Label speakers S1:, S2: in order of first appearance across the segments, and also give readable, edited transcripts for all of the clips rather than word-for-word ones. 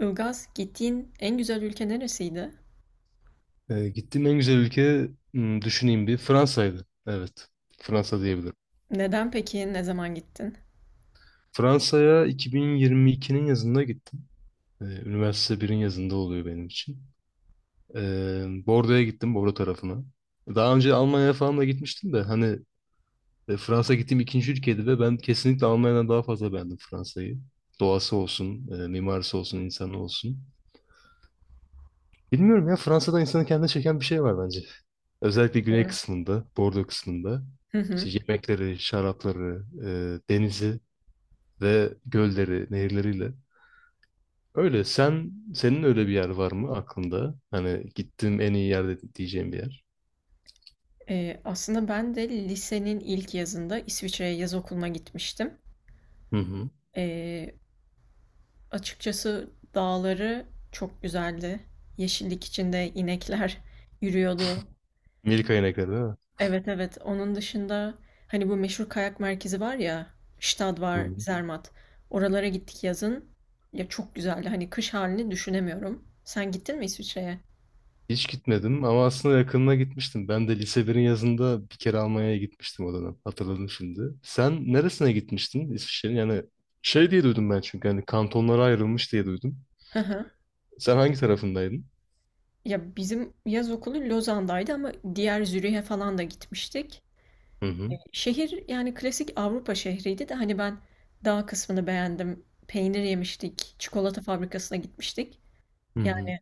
S1: Ilgaz, gittiğin en güzel ülke neresiydi?
S2: Gittiğim en güzel ülke düşüneyim bir Fransa'ydı. Evet. Fransa diyebilirim.
S1: Neden peki? Ne zaman gittin?
S2: Fransa'ya 2022'nin yazında gittim. Üniversite birin yazında oluyor benim için. Bordeaux'a gittim, Bordeaux tarafına. Daha önce Almanya'ya falan da gitmiştim de hani Fransa gittiğim ikinci ülkeydi ve ben kesinlikle Almanya'dan daha fazla beğendim Fransa'yı. Doğası olsun, mimarisi olsun, insanı olsun. Bilmiyorum ya Fransa'da insanı kendine çeken bir şey var bence. Özellikle güney
S1: Doğru.
S2: kısmında, Bordeaux kısmında.
S1: Hı hı.
S2: İşte yemekleri, şarapları, denizi ve gölleri, nehirleriyle. Öyle. Senin öyle bir yer var mı aklında? Hani gittiğim en iyi yerde diyeceğim bir yer.
S1: Aslında ben de lisenin ilk yazında İsviçre'ye yaz okuluna gitmiştim.
S2: Hı hı.
S1: Ee, Açıkçası dağları çok güzeldi. Yeşillik içinde inekler yürüyordu.
S2: Milka inekleri değil mi?
S1: Evet, evet. Onun dışında hani bu meşhur kayak merkezi var ya, Stad
S2: Hı
S1: var,
S2: hı.
S1: Zermatt. Oralara gittik yazın. Ya çok güzeldi. Hani kış halini düşünemiyorum. Sen gittin mi İsviçre'ye?
S2: Hiç gitmedim ama aslında yakınına gitmiştim. Ben de lise birin yazında bir kere Almanya'ya gitmiştim o dönem. Hatırladım şimdi. Sen neresine gitmiştin İsviçre'nin? Yani şey diye duydum ben çünkü hani kantonlara ayrılmış diye duydum. Sen hangi tarafındaydın?
S1: Ya bizim yaz okulu Lozan'daydı ama diğer Zürih'e falan da gitmiştik.
S2: Hı hı.
S1: Şehir yani klasik Avrupa şehriydi de hani ben dağ kısmını beğendim. Peynir yemiştik, çikolata fabrikasına gitmiştik.
S2: Hı hı.
S1: Yani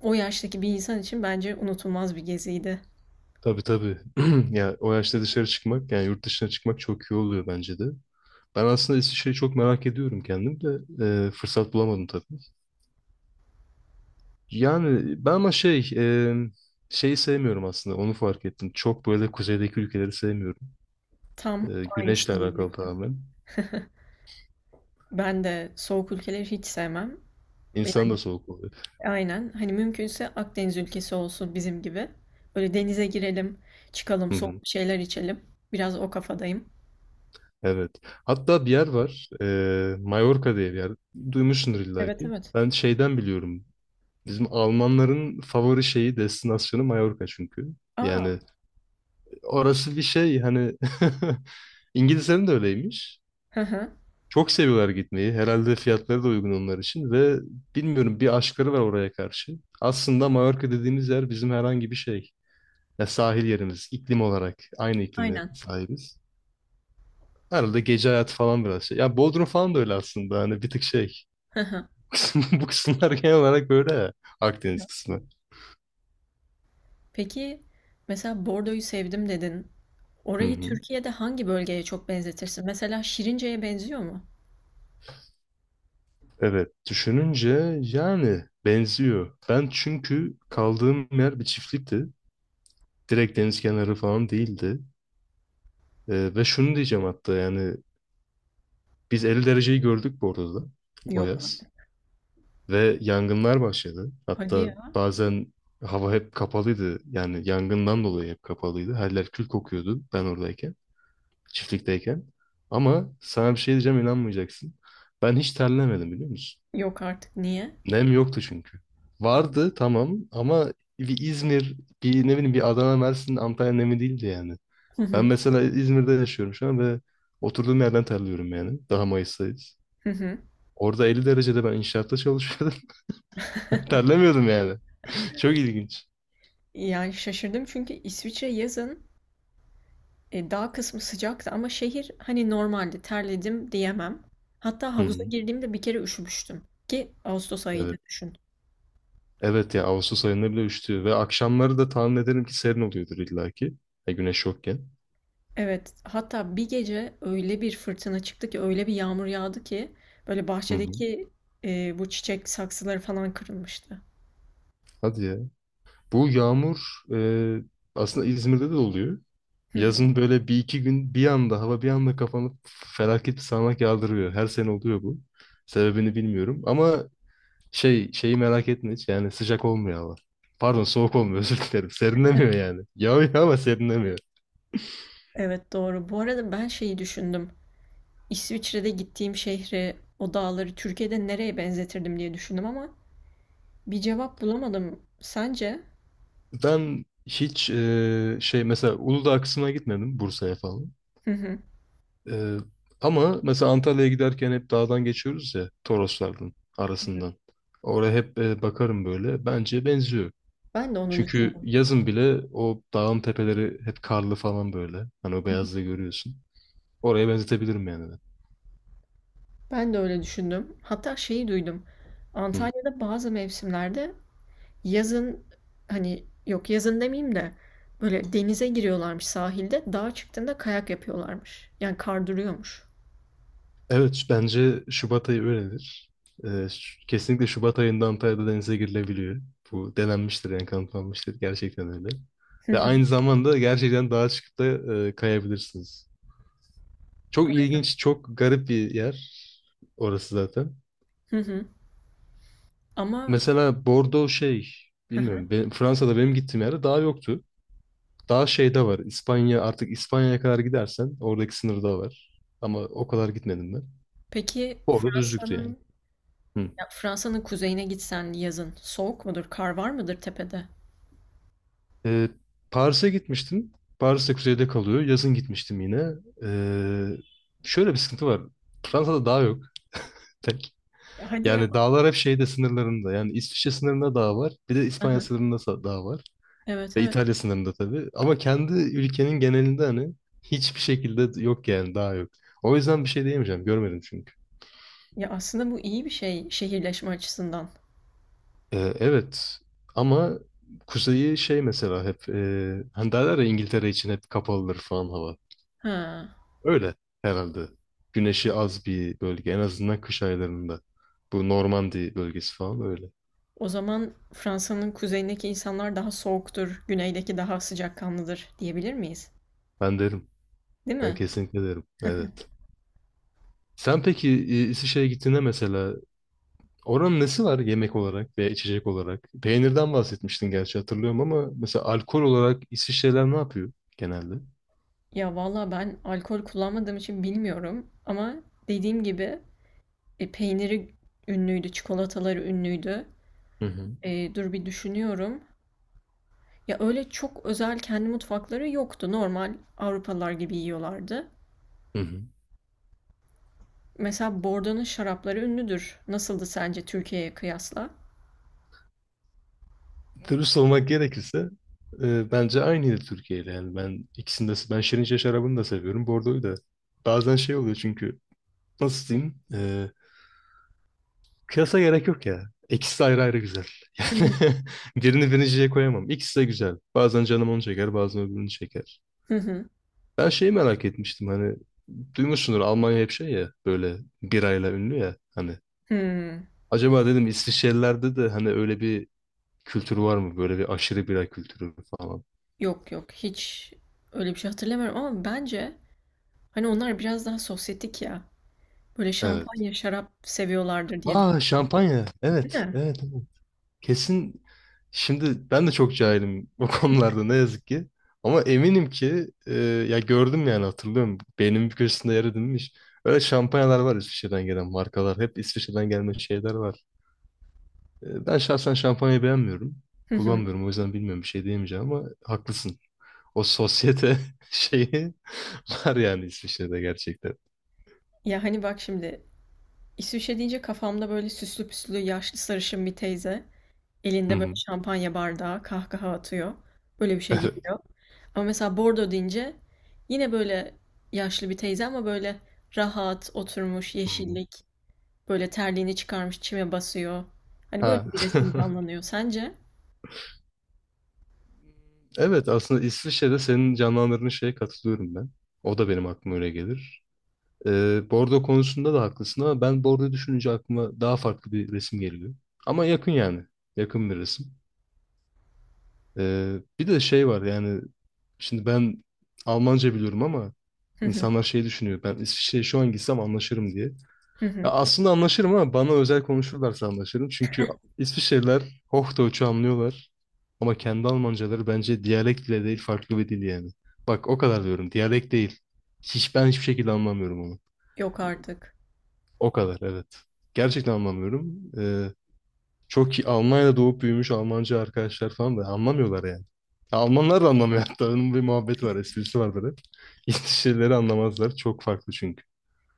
S1: o yaştaki bir insan için bence unutulmaz bir geziydi.
S2: Tabii tabii. Ya o yaşta dışarı çıkmak yani yurt dışına çıkmak çok iyi oluyor bence de. Ben aslında İsviçre'yi çok merak ediyorum kendim de fırsat bulamadım tabii. Yani ben ama şeyi sevmiyorum aslında onu fark ettim. Çok böyle kuzeydeki ülkeleri sevmiyorum.
S1: Tam
S2: Güneşle
S1: aynısını
S2: alakalı
S1: diyecektim.
S2: tamamen.
S1: Ben de soğuk ülkeleri hiç sevmem.
S2: İnsan
S1: Yani
S2: da soğuk oluyor.
S1: aynen hani mümkünse Akdeniz ülkesi olsun bizim gibi. Böyle denize girelim, çıkalım,
S2: Hı hı.
S1: soğuk bir şeyler içelim. Biraz o kafadayım.
S2: Evet. Hatta bir yer var. E, Mallorca diye bir yer. Duymuşsundur illa
S1: Evet,
S2: ki.
S1: evet.
S2: Ben şeyden biliyorum. Bizim Almanların favori şeyi, destinasyonu Mallorca çünkü.
S1: Aa.
S2: Yani orası bir şey hani İngilizlerin de öyleymiş.
S1: Hı hı.
S2: Çok seviyorlar gitmeyi. Herhalde fiyatları da uygun onlar için ve bilmiyorum bir aşkları var oraya karşı. Aslında Mallorca dediğimiz yer bizim herhangi bir şey. Ya sahil yerimiz, iklim olarak aynı iklimi
S1: Aynen.
S2: sahibiz. Herhalde gece hayatı falan biraz şey. Ya Bodrum falan da öyle aslında. Hani bir tık şey.
S1: Hı hı.
S2: Bu kısımlar genel olarak böyle ya. Akdeniz kısmı.
S1: Peki mesela Bordo'yu sevdim dedin.
S2: Hı
S1: Orayı
S2: hı.
S1: Türkiye'de hangi bölgeye çok benzetirsin? Mesela Şirince'ye benziyor mu?
S2: Evet. Düşününce yani benziyor. Ben çünkü kaldığım yer bir çiftlikti. Direkt deniz kenarı falan değildi. Ve şunu diyeceğim hatta yani biz 50 dereceyi gördük bu arada da, o
S1: Yok artık.
S2: yaz. Ve yangınlar başladı.
S1: Hadi
S2: Hatta
S1: ya.
S2: bazen hava hep kapalıydı. Yani yangından dolayı hep kapalıydı. Her yer kül kokuyordu ben oradayken. Çiftlikteyken. Ama sana bir şey diyeceğim inanmayacaksın. Ben hiç terlemedim biliyor musun?
S1: Yok artık. Niye?
S2: Nem yoktu çünkü.
S1: Aa.
S2: Vardı tamam ama bir İzmir, bir ne bileyim bir Adana, Mersin, Antalya nemi değildi yani.
S1: Hı
S2: Ben
S1: hı.
S2: mesela İzmir'de yaşıyorum şu an ve oturduğum yerden terliyorum yani. Daha Mayıs'tayız.
S1: Hı hı.
S2: Orada 50 derecede ben inşaatta çalışıyordum. Terlemiyordum yani. Çok ilginç.
S1: Yani şaşırdım çünkü İsviçre yazın dağ kısmı sıcaktı ama şehir hani normaldi. Terledim diyemem. Hatta
S2: Hı
S1: havuza
S2: hı.
S1: girdiğimde bir kere üşümüştüm. Ki Ağustos ayıydı
S2: Evet.
S1: düşün.
S2: Evet ya Ağustos ayında bile üşütüyor ve akşamları da tahmin ederim ki serin oluyordur illaki. Ya güneş yokken.
S1: Evet, hatta bir gece öyle bir fırtına çıktı ki, öyle bir yağmur yağdı ki böyle
S2: Hı hı.
S1: bahçedeki bu çiçek saksıları falan kırılmıştı.
S2: Hadi ya. Bu yağmur e, aslında İzmir'de de oluyor.
S1: Hı hı.
S2: Yazın böyle bir iki gün bir anda hava bir anda kapanıp felaket bir sağanak yağdırıyor. Her sene oluyor bu. Sebebini bilmiyorum ama şeyi merak etme hiç yani sıcak olmuyor hava. Pardon soğuk olmuyor özür dilerim. Serinlemiyor yani. Yağıyor ama serinlemiyor.
S1: Evet, doğru. Bu arada ben şeyi düşündüm. İsviçre'de gittiğim şehri, o dağları Türkiye'de nereye benzetirdim diye düşündüm ama bir cevap bulamadım. Sence?
S2: Ben hiç şey mesela Uludağ kısmına gitmedim Bursa'ya falan.
S1: Hı hı.
S2: Ee, ama mesela Antalya'ya giderken hep dağdan geçiyoruz ya Toroslardan
S1: Hı hı.
S2: arasından. Oraya hep bakarım böyle. Bence benziyor.
S1: Ben de onu
S2: Çünkü
S1: düşündüm.
S2: yazın bile o dağın tepeleri hep karlı falan böyle. Hani o
S1: Hı hı.
S2: beyazlığı görüyorsun. Oraya benzetebilirim yani. Ben.
S1: Ben de öyle düşündüm. Hatta şeyi duydum.
S2: Hı.
S1: Antalya'da bazı mevsimlerde yazın hani yok yazın demeyeyim de böyle denize giriyorlarmış sahilde. Dağa çıktığında kayak yapıyorlarmış. Yani kar duruyormuş.
S2: Evet bence Şubat ayı öyledir. Kesinlikle Şubat ayında Antalya'da denize girilebiliyor. Bu denenmiştir yani kanıtlanmıştır. Gerçekten öyle.
S1: Hı
S2: Ve
S1: hı.
S2: aynı zamanda gerçekten dağa çıkıp da kayabilirsiniz. Çok ilginç, çok garip bir yer orası zaten.
S1: Hı hı. Ama
S2: Mesela
S1: hı hı.
S2: bilmiyorum. Fransa'da benim gittiğim yerde dağ yoktu. Daha şeyde var. İspanya'ya kadar gidersen oradaki sınırda var. Ama o kadar gitmedim ben.
S1: Peki
S2: Orada düzlüktü yani.
S1: Fransa'nın
S2: Hı.
S1: ya Fransa'nın kuzeyine gitsen yazın soğuk mudur? Kar var mıdır tepede?
S2: Ee, Paris'e gitmiştim. Paris'te kuzeyde kalıyor. Yazın gitmiştim yine. Ee, şöyle bir sıkıntı var. Fransa'da dağ yok. Tek.
S1: Ya hadi ya.
S2: Yani dağlar hep şeyde sınırlarında. Yani İsviçre sınırında dağ var. Bir de
S1: Hı
S2: İspanya
S1: hı.
S2: sınırında dağ var.
S1: Evet,
S2: Ve
S1: evet.
S2: İtalya sınırında tabii. Ama kendi ülkenin genelinde hani hiçbir şekilde yok yani daha yok. O yüzden bir şey diyemeyeceğim. Görmedim çünkü.
S1: Ya aslında bu iyi bir şey şehirleşme açısından.
S2: Evet ama kuzeyi şey mesela hep hani derler ya İngiltere için hep kapalıdır falan hava.
S1: Ha.
S2: Öyle herhalde. Güneşi az bir bölge en azından kış aylarında. Bu Normandiya bölgesi falan öyle.
S1: O zaman Fransa'nın kuzeyindeki insanlar daha soğuktur, güneydeki daha sıcakkanlıdır diyebilir miyiz?
S2: Ben derim.
S1: Değil
S2: Ben
S1: mi?
S2: kesinlikle derim. Evet. Sen peki İsviçre'ye gittiğinde mesela oranın nesi var yemek olarak veya içecek olarak? Peynirden bahsetmiştin gerçi hatırlıyorum ama mesela alkol olarak İsviçreler ne yapıyor genelde?
S1: Ya valla ben alkol kullanmadığım için bilmiyorum ama dediğim gibi peyniri ünlüydü, çikolataları ünlüydü.
S2: Hı hı.
S1: Dur bir düşünüyorum. Ya öyle çok özel kendi mutfakları yoktu. Normal Avrupalılar gibi yiyorlardı.
S2: Hı hı.
S1: Mesela Bordeaux'un şarapları ünlüdür. Nasıldı sence Türkiye'ye kıyasla?
S2: Dürüst olmak gerekirse bence aynıydı Türkiye ile. Yani ben ikisini de Şirince şarabını da seviyorum. Bordo'yu da. Bazen şey oluyor çünkü nasıl diyeyim? Kıyasa gerek yok ya. İkisi de ayrı ayrı güzel.
S1: Hı hı.
S2: Yani birini birinciye koyamam. İkisi de güzel. Bazen canım onu çeker, bazen öbürünü çeker.
S1: Hı hı.
S2: Ben şeyi merak etmiştim hani duymuşsundur Almanya hep şey ya böyle birayla ünlü ya hani.
S1: Hmm.
S2: Acaba dedim İsviçrelilerde de hani öyle bir kültür var mı? Böyle bir aşırı bira kültürü falan.
S1: Yok, yok, hiç öyle bir şey hatırlamıyorum ama bence hani onlar biraz daha sosyetik ya. Böyle
S2: Evet.
S1: şampanya, şarap seviyorlardır diye
S2: Aa
S1: düşünüyorum.
S2: şampanya.
S1: Değil
S2: Evet.
S1: mi?
S2: Evet. evet. Kesin şimdi ben de çok cahilim bu konularda ne yazık ki. Ama eminim ki ya gördüm yani hatırlıyorum. Beynimin bir köşesinde yer edinmiş. Öyle şampanyalar var İsviçre'den gelen markalar. Hep İsviçre'den gelme şeyler var. Ben şahsen şampanyayı beğenmiyorum. Kullanmıyorum o yüzden bilmiyorum bir şey diyemeyeceğim ama haklısın. O sosyete şeyi var yani İsviçre'de gerçekten.
S1: Ya hani bak şimdi İsviçre deyince kafamda böyle süslü püslü yaşlı sarışın bir teyze
S2: Hı
S1: elinde böyle
S2: hı.
S1: şampanya bardağı kahkaha atıyor. Böyle bir şey
S2: Evet.
S1: geliyor. Ama mesela Bordeaux deyince yine böyle yaşlı bir teyze ama böyle rahat oturmuş
S2: Hı hı.
S1: yeşillik böyle terliğini çıkarmış çime basıyor. Hani
S2: Ha.
S1: böyle bir resim canlanıyor sence?
S2: Evet aslında İsviçre'de senin canlandırdığın şeye katılıyorum ben. O da benim aklıma öyle gelir. Bordo konusunda da haklısın ama ben Bordo düşününce aklıma daha farklı bir resim geliyor. Ama yakın yani. Yakın bir resim. Bir de şey var yani şimdi ben Almanca biliyorum ama
S1: Hı hı,
S2: insanlar şey düşünüyor. Ben İsviçre'ye şu an gitsem anlaşırım diye.
S1: hı
S2: Ya
S1: hı.
S2: aslında anlaşırım ama bana özel konuşurlarsa anlaşırım. Çünkü İsviçreliler Hochdeutsch'u anlıyorlar. Ama kendi Almancaları bence diyalekt bile değil farklı bir dil yani. Bak o kadar diyorum diyalekt değil. Hiçbir şekilde anlamıyorum onu.
S1: Yok artık.
S2: O kadar evet. Gerçekten anlamıyorum. Çok iyi. Almanya'da doğup büyümüş Almancı arkadaşlar falan da anlamıyorlar yani. Almanlar da anlamıyor hatta. Onun bir muhabbet var, esprisi var böyle. İngilizce şeyleri anlamazlar. Çok farklı çünkü.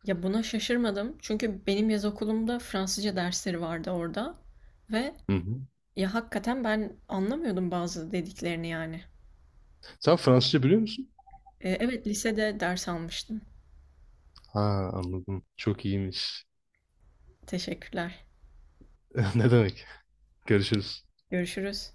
S1: Ya buna şaşırmadım çünkü benim yaz okulumda Fransızca dersleri vardı orada ve
S2: Hı hı.
S1: ya hakikaten ben anlamıyordum bazı dediklerini yani.
S2: Sen Fransızca biliyor musun?
S1: Evet, lisede ders almıştım.
S2: Ha anladım. Çok iyiymiş.
S1: Teşekkürler.
S2: Ne demek? Görüşürüz.
S1: Görüşürüz.